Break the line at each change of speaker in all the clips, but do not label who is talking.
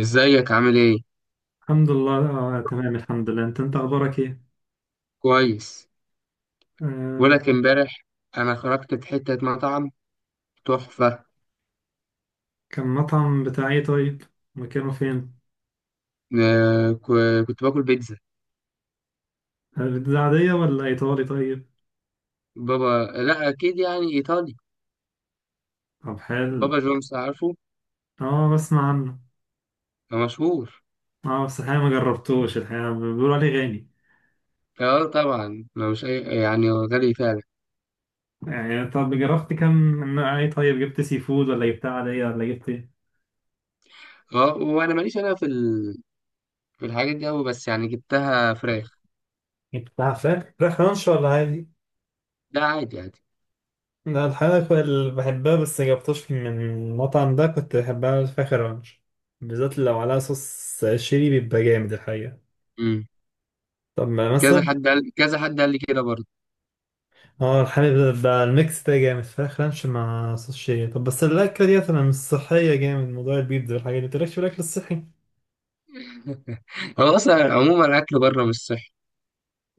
ازيك؟ عامل ايه؟
الحمد لله. تمام الحمد لله. انت اخبارك ايه؟
كويس.
آه،
بقولك امبارح انا خرجت في حته مطعم تحفه.
كان مطعم بتاع ايه طيب؟ مكانه فين؟
كنت باكل بيتزا.
ده عادية ولا ايطالي طيب؟
بابا، لا اكيد يعني ايطالي.
طب
بابا
حلو.
جونز، عارفه؟
اه، بسمع عنه.
ده مشهور.
اه بس الحقيقة ما جربتوش، الحقيقة بيقولوا عليه غالي.
اه، طبعا لو مش اي، يعني هو غالي فعلا.
يعني طب جربت كم نوع ايه طيب؟ جبت سي فود ولا جبتها عادية ولا جبت ايه؟
اه، وانا ماليش، في الحاجات دي قوي، بس يعني جبتها فراخ.
جبتها فراخ، فراخ رانش ولا عادي؟
ده عادي عادي.
لا الحقيقة كنت بحبها بس جبتوش من المطعم ده، كنت بحبها فراخ رانش بالذات لو عليها صوص شيري بيبقى جامد الحقيقة.
امم.
طب ما مثلا،
كذا حد قال لي كده برضه.
اه الحليب ده، الميكس ده جامد، فراخ رانش مع صوص شيا. طب بس الأكلة دي أنا مش صحية جامد، موضوع البيتزا والحاجات دي متقلقش في الأكل الصحي.
هو اصلا عموما الاكل بره مش صحي.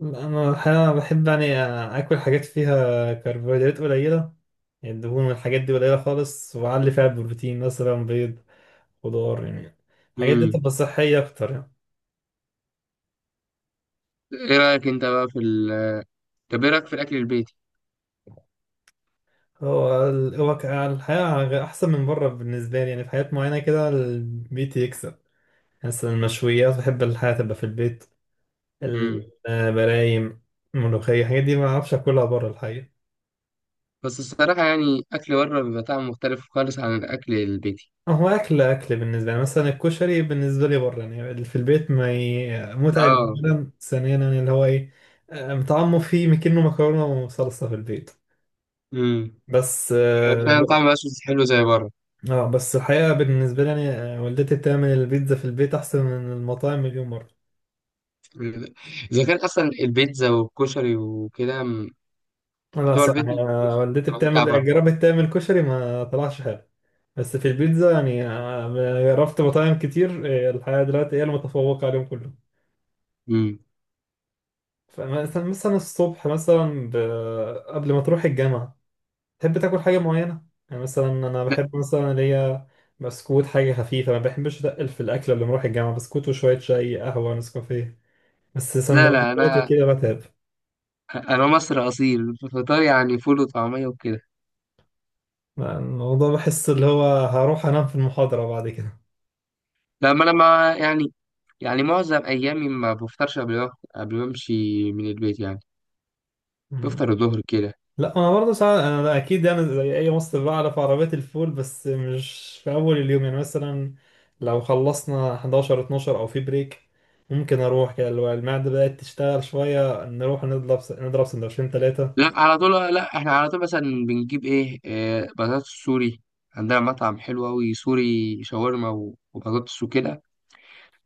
أنا الحقيقة بحب يعني آكل حاجات فيها كربوهيدرات قليلة، يعني الدهون والحاجات دي قليلة خالص، وأعلي فيها بروتين مثلا بيض، خضار يعني. الحاجات دي
امم.
تبقى صحية أكتر يعني.
ايه رايك انت بقى في ال... طب ايه رايك في الاكل البيتي؟
هو ال- هو ك- الحقيقة أحسن من بره بالنسبة لي، يعني في حاجات معينة كده البيت يكسب. مثلا المشويات بحب الحياة تبقى في البيت.
امم.
الملايم، الملوخية، الحاجات دي ما أعرفش أكلها بره الحقيقة.
بس الصراحة، يعني أكل بره بيبقى طعمه مختلف خالص عن الأكل البيتي.
هو أكل بالنسبة لي مثلا الكشري، بالنسبة لي بره يعني، اللي في البيت ما ي... متعب.
اه.
أولا ثانيا يعني اللي هو إيه، متعمق فيه، مكنه مكرونة وصلصة في البيت
امم.
بس.
فعلا طعمه مبقاش حلو زي بره.
بس الحقيقة بالنسبة لي يعني، والدتي بتعمل البيتزا في البيت أحسن من المطاعم مليون مرة.
إذا كان أصلا البيتزا والكشري وكده، بتوع
خلاص،
البيت مش بيبقوش
والدتي
زي بتاع بره.
بتعمل، جربت تعمل كشري ما طلعش حلو، بس في البيتزا يعني، جربت مطاعم كتير. الحقيقة دلوقتي هي المتفوقة عليهم كلهم.
امم.
فمثلا الصبح مثلا قبل ما تروح الجامعة تحب تاكل حاجة معينة، يعني مثلا أنا
لا،
بحب مثلا اللي هي بسكوت، حاجة خفيفة، ما بحبش أتقل في الأكل قبل ما أروح الجامعة، بسكوت وشوية شاي، قهوة، نسكافيه، بس
لا، لا،
سندوتشات
أنا
وكده بتعب.
أنا مصري أصيل، فطار يعني فول وطعمية وكده.
الموضوع بحس اللي هو هروح أنام في المحاضرة بعد كده.
لما أنا ما يعني يعني معظم أيامي ما بفطرش قبل ما أمشي من البيت، يعني بفطر الظهر كده.
لا انا برضه ساعات، انا اكيد انا زي اي مصري بعرف عربيات الفول، بس مش في اول اليوم يعني. مثلا لو خلصنا 11 12 او في بريك ممكن اروح كده، اللي هو المعده بدات تشتغل شويه، نروح نضرب سندوتشين ثلاثه.
لا، احنا على طول مثلا بنجيب إيه، بطاطس سوري. عندنا مطعم حلو أوي سوري شاورما وبطاطس وكده.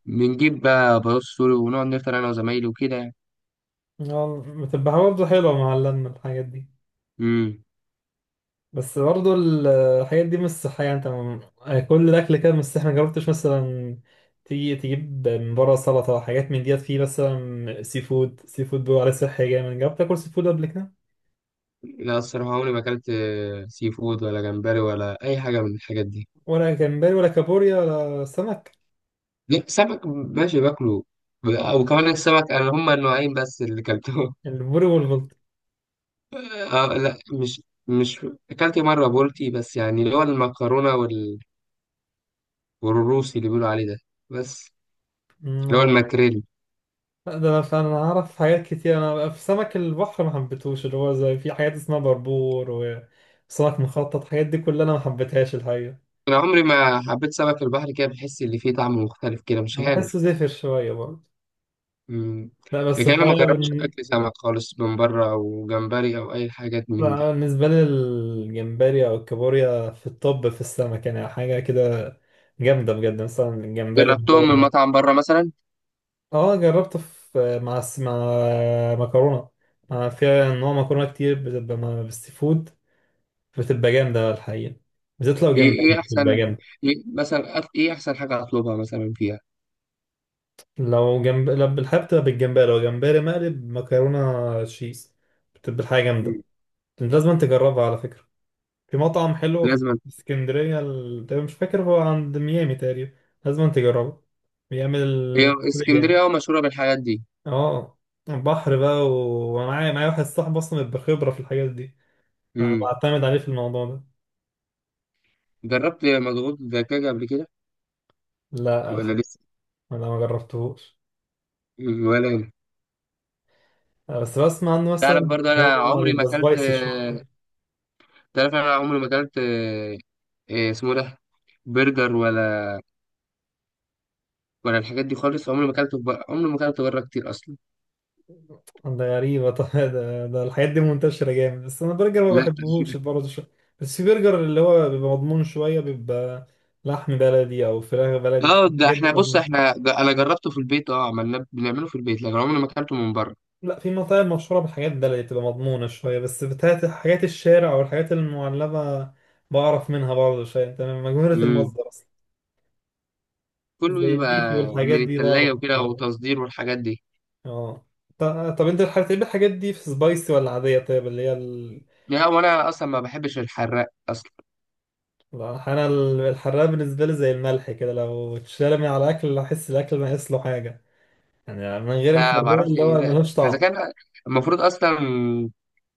بنجيب بقى بطاطس سوري ونقعد نفطر أنا وزمايلي وكده.
بتبقى برضه حلوه مع اللمه الحاجات دي.
امم.
بس برضه الحاجات دي مش صحيه. كل الاكل كده مش صحي. ما جربتش مثلا تيجي تجيب من بره سلطه، حاجات من ديت، فيه مثلا سي فود. سي فود بيقولوا عليه صحي جامد. جربت تاكل سي فود قبل كده؟
لا، الصراحة عمري ما أكلت سي فود ولا جمبري ولا أي حاجة من الحاجات دي.
ولا جمبري ولا كابوريا ولا سمك؟
لا، سمك ماشي باكله. وكمان السمك، أنا هما النوعين بس اللي أكلتهم.
البوري والبلطي؟
آه، لا، مش. أكلت مرة بولتي، بس يعني اللي هو المكرونة والروسي اللي بيقولوا عليه ده، بس
أمم،
اللي هو
أنا-
الماكريل.
لا، ده انا فعلا اعرف حاجات كتير. انا في سمك البحر ما حبيتهوش، اللي هو زي في حاجات اسمها بربور وسمك مخطط، الحاجات دي كلها انا ما حبيتهاش الحقيقه.
انا عمري ما حبيت سمك البحر، كده بحس اللي فيه طعم مختلف كده، مش
انا بحسه
عارف.
زفر شويه برضه.
امم.
لا بس
لكن انا ما
الحقيقه
جربتش
بن...
اكل سمك خالص من بره، او جمبري، او اي حاجات من
لا،
دي.
بالنسبه لي الجمبري او الكابوريا في الطب في السمك يعني حاجه كده جامده بجد. مثلا الجمبري اللي
جربتهم من
هو،
مطعم بره مثلا؟
اه جربته في مع مكرونه، مع فيها نوع مكرونه كتير بتبقى مع بالسي فود، بتبقى جامده الحقيقه، بالذات لو
ايه
جمبري
ايه
بتبقى
احسن
جامده.
ايه احسن حاجه اطلبها مثلا فيها؟
لو جنب، لو بالحب بتبقى بالجمبري، لو جمبري مقلب مكرونه تشيز بتبقى الحاجه جامده.
مم.
لازم تجربها على فكره. في مطعم حلو في
لازما.
اسكندريه، تقريبا مش فاكر، هو عند ميامي تقريبا. لازم تجربه، بيعمل
هي
الوصفة دي جامد.
اسكندريه مشهوره بالحاجات دي.
اه بحر بقى، ومعايا واحد صاحبي اصلا بخبره في الحاجات دي. أنا
امم.
بعتمد عليه في الموضوع ده.
جربت مضغوط دجاج قبل كده
لا
ولا
الحقيقة
لسه؟
أنا ما جربتهوش.
مم، ولا أنا.
بس بسمع عنه، مثلا
تعرف
اللي
برضه انا
هو
عمري ما
بيبقى
اكلت
سبايسي شوية.
تعرف انا عمري ما اكلت إيه اسمه ده، برجر ولا... وانا الحاجات دي خالص، عمري ما اكلته بره كتير اصلا.
ده غريبة طبعا. ده الحاجات دي منتشرة جامد، بس أنا برجر ما
لا
بحبهوش
تأشيرة.
برضه شوية. بس في برجر اللي هو بيبقى مضمون شوية، بيبقى لحم بلدي أو فراخ بلدي،
اه، ده
الحاجات
احنا
دي
بص
مضمون.
احنا ده انا جربته في البيت، اه بنعمله في البيت، لكن عمري ما اكلته من بره.
لا في مطاعم مشهورة بالحاجات بلدي تبقى مضمونة شوية، بس بتاعت حاجات الشارع أو الحاجات المعلبة بعرف منها برضه شوية، أنت مجهولة
امم.
المصدر أصلا.
كله
زي
بيبقى
البيتي والحاجات
من
دي بعرف
التلاجة وكده
منها.
وتصدير والحاجات دي.
اه، ط- طب انت بتحب الحاجات دي في سبايسي ولا عادية طيب، اللي هي ال...؟
لا، وانا اصلا ما بحبش الحراق اصلا.
انا الحراق بالنسبة لي زي الملح كده، لو اتشال من على الاكل احس الاكل ناقص له حاجة، يعني من غير
لا،
الحراق
ما اعرفش
اللي
إيه
هو
ده.
ملوش
اذا
طعم.
كان المفروض اصلا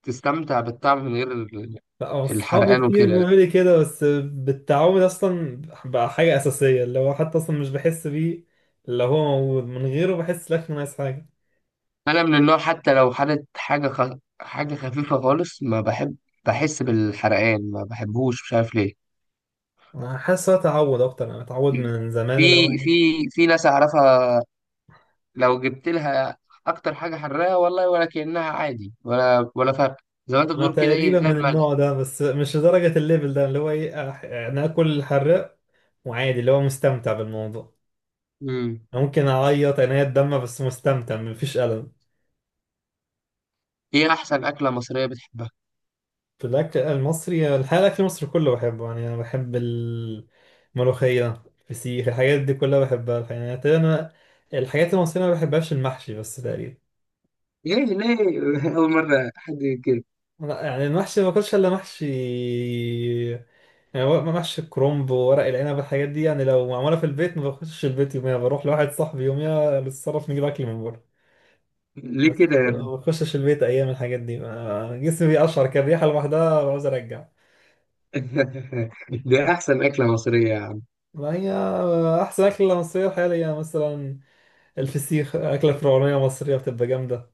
تستمتع بالطعم من غير
لا اصحابي
الحرقان
كتير
وكده.
بيقولوا لي كده، بس بالتعود اصلا بقى حاجة اساسية، اللي هو حتى اصلا مش بحس بيه، اللي هو موجود من غيره بحس الاكل ناقص حاجة.
انا من النوع، حتى لو حدت حاجه خفيفه خالص ما بحب، بحس بالحرقان ما بحبوش، مش عارف ليه.
انا حاسس هو تعود اكتر، انا متعود من
في
زمان اللي هو،
في في ناس اعرفها، لو جبت لها اكتر حاجه حراقه والله ولا كانها عادي، ولا فرق. زي ما انت
ما
بتقول كده، ايه،
تقريبا
زي
من
الملح.
النوع ده، بس مش لدرجة الليفل ده، اللي هو ايه، انا اكل الحراق وعادي اللي هو مستمتع بالموضوع.
امم.
ممكن اعيط انا الدم بس مستمتع، مفيش ألم.
ايه احسن اكله مصريه بتحبها؟
في الاكل المصري الحقيقة الاكل المصري كله بحبه يعني، انا بحب الملوخية، الفسيخ، الحاجات دي كلها بحبها الحقيقة، يعني تقريباً انا الحاجات المصرية ما بحبهاش المحشي بس تقريبا.
ليه؟ ليه؟ اول مره حد يقول كده.
لا، يعني المحشي ما باكلش الا محشي، يعني محشي الكرنب وورق العنب، الحاجات دي يعني لو معمولة في البيت ما بخشش البيت يوميها، بروح لواحد صاحبي يوميها للصرف، نجيب أكل من بره،
ليه
بس
كده يعني؟
ما بخشش البيت أيام الحاجات دي. جسمي بيقشعر كده، الريحة لوحدها بعوز أرجع.
دي احسن اكله مصريه؟
ما هي أحسن أكلة مصرية حاليا مثلا، الفسيخ، أكلة فرعونية مصرية بتبقى جامدة.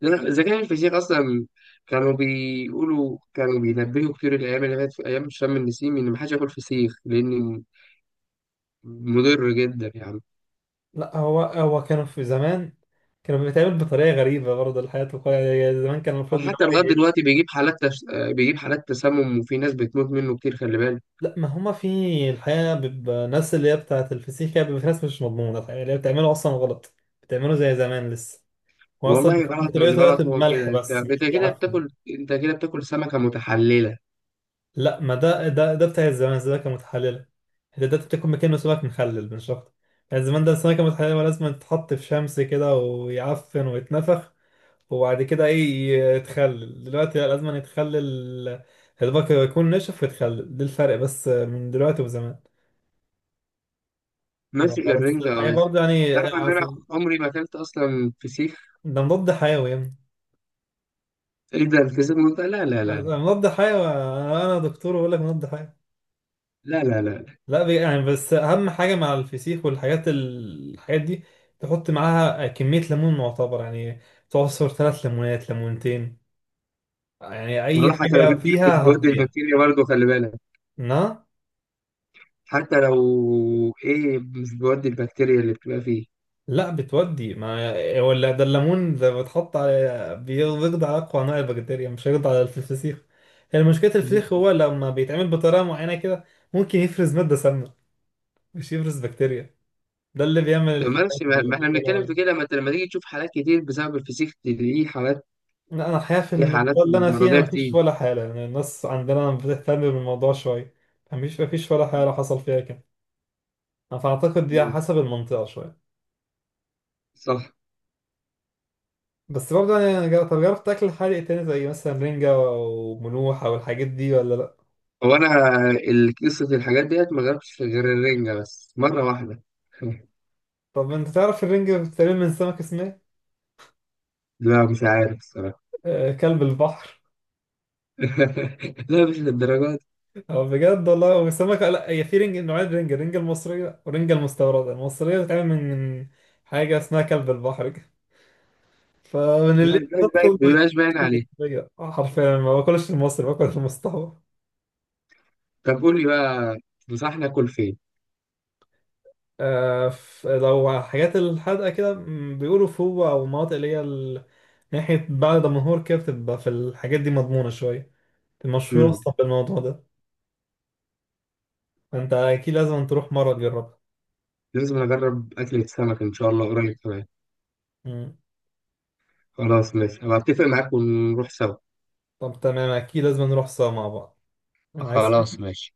لأن الذكاء الفشيخ أصلا، كانوا بينبهوا كتير الأيام اللي فاتت في أيام شم النسيم، إن محدش ياكل فسيخ، لأن مضر جدا يعني.
لا هو كانوا في زمان كانوا بيتعمل بطريقة غريبة برضه، الحياة الواقعية زمان كان المفروض اللي
وحتى
هو
لغاية
إيه؟
دلوقتي، بيجيب حالات تسمم، وفي ناس بتموت منه كتير، خلي بالك.
لا ما هما في الحقيقة بيبقى ناس اللي هي بتاعة الفسيخ، هي بيبقى في ناس مش مضمونة الحقيقة، اللي هي بتعمله أصلا غلط، بتعمله زي زمان لسه. هو أصلا
والله، غلط مش
طريقته دلوقتي
غلط، هو كده.
بملح
أنت
بس
أنت
مش
كده
بيعفن.
بتاكل، أنت كده بتاكل سمكة متحللة.
لا، ما ده بتاع الزمان ده كان متحللة، ده بتاكل مكانه سمك مخلل مش أكتر. يعني زمان ده السمكة المتحللة لازم تتحط في شمس كده ويعفن ويتنفخ وبعد كده إيه يتخلل، دلوقتي لا لازم يتخلل يا دوبك يكون نشف ويتخلل، ده الفرق بس من دلوقتي وزمان.
ماشي
بس
الرنجة،
الحقيقة
ماشي.
برضه يعني
تعرف إن أنا
أصل
عمري ما أكلت أصلا فسيخ؟
ده مضاد حيوي يعني،
إيه ده، الفسيخ مضر؟ لا، لا، لا،
مضاد حيوي. أنا دكتور وأقول لك مضاد حيوي.
لا، لا، لا، لا.
لا، يعني بس أهم حاجة مع الفسيخ والحاجات الحاجات دي، تحط معاها كمية ليمون معتبر يعني، تعصر ثلاث ليمونات، ليمونتين، يعني أي
والله حتى لو
حاجة
جبت كلمة في
فيها
جود
هتضيع.
البكتيريا، برضه خلي بالك.
نعم.
حتى لو، ايه، مش بيودي البكتيريا اللي بتبقى فيه؟
لا بتودي ما هو اللي ده الليمون ده بتحط على بيقضي على اقوى انواع البكتيريا، مش هيقضي على الفسيخ. هي مشكله الفسيخ
مهم.
هو لما بيتعمل بطريقه معينه كده ممكن يفرز ماده سامه، مش يفرز بكتيريا، ده اللي بيعمل
طب
الحالات
ماشي، ما
اللي
احنا
بيقولوا
بنتكلم في
عليها.
كده، ما انت لما تيجي تشوف حالات كتير بسبب الفسيخ، تلاقيه حالات،
لا انا الحقيقه في
في حالات
المنطقه اللي انا فيها
مرضية
مفيش
كتير.
ولا حاله، يعني الناس عندنا بتهتم بالموضوع شويه. مفيش ولا حاله حصل فيها كده، فاعتقد دي على
مم.
حسب المنطقه شويه.
صح.
بس برضه يعني، طب جربت تاكل حادق تاني زي مثلا رنجة وملوحة والحاجات دي ولا لأ؟
هو انا، قصة الحاجات ديت ما جربتش غير الرنجة بس مرة واحدة.
طب انت تعرف الرنج بتتعمل من سمك اسمه ايه؟
لا، مش عارف الصراحة.
كلب البحر.
لا، مش للدرجات.
هو بجد والله هو سمكة، لا هي في رنج نوعين، رنج، الرنج المصرية والرنج المستوردة. المصرية بتتعمل من حاجة اسمها كلب البحر كده، فمن
لا،
اللي بطل ما
مبيبقاش باين
ياكلش
عليه.
المصرية، حرفيا ما باكلش المصري، باكل المستورد.
طب قول لي بقى، تنصحني اكل فين؟
لو حاجات الحدقة كده م، بيقولوا فوق أو مناطق اللي هي ناحية بعد دمنهور كده بتبقى في، الحاجات دي مضمونة شوية، المشهورة
مم.
أصلا بالموضوع ده. فأنت أكيد لازم تروح مرة تجربها.
لازم اجرب اكلة سمك ان شاء الله قريب كمان.
مم.
خلاص ماشي، هبقى اتفق معاك ونروح سوا.
طب تمام، اكيد لازم نروح سوا مع بعض. عايز
خلاص
حاجة؟
ماشي.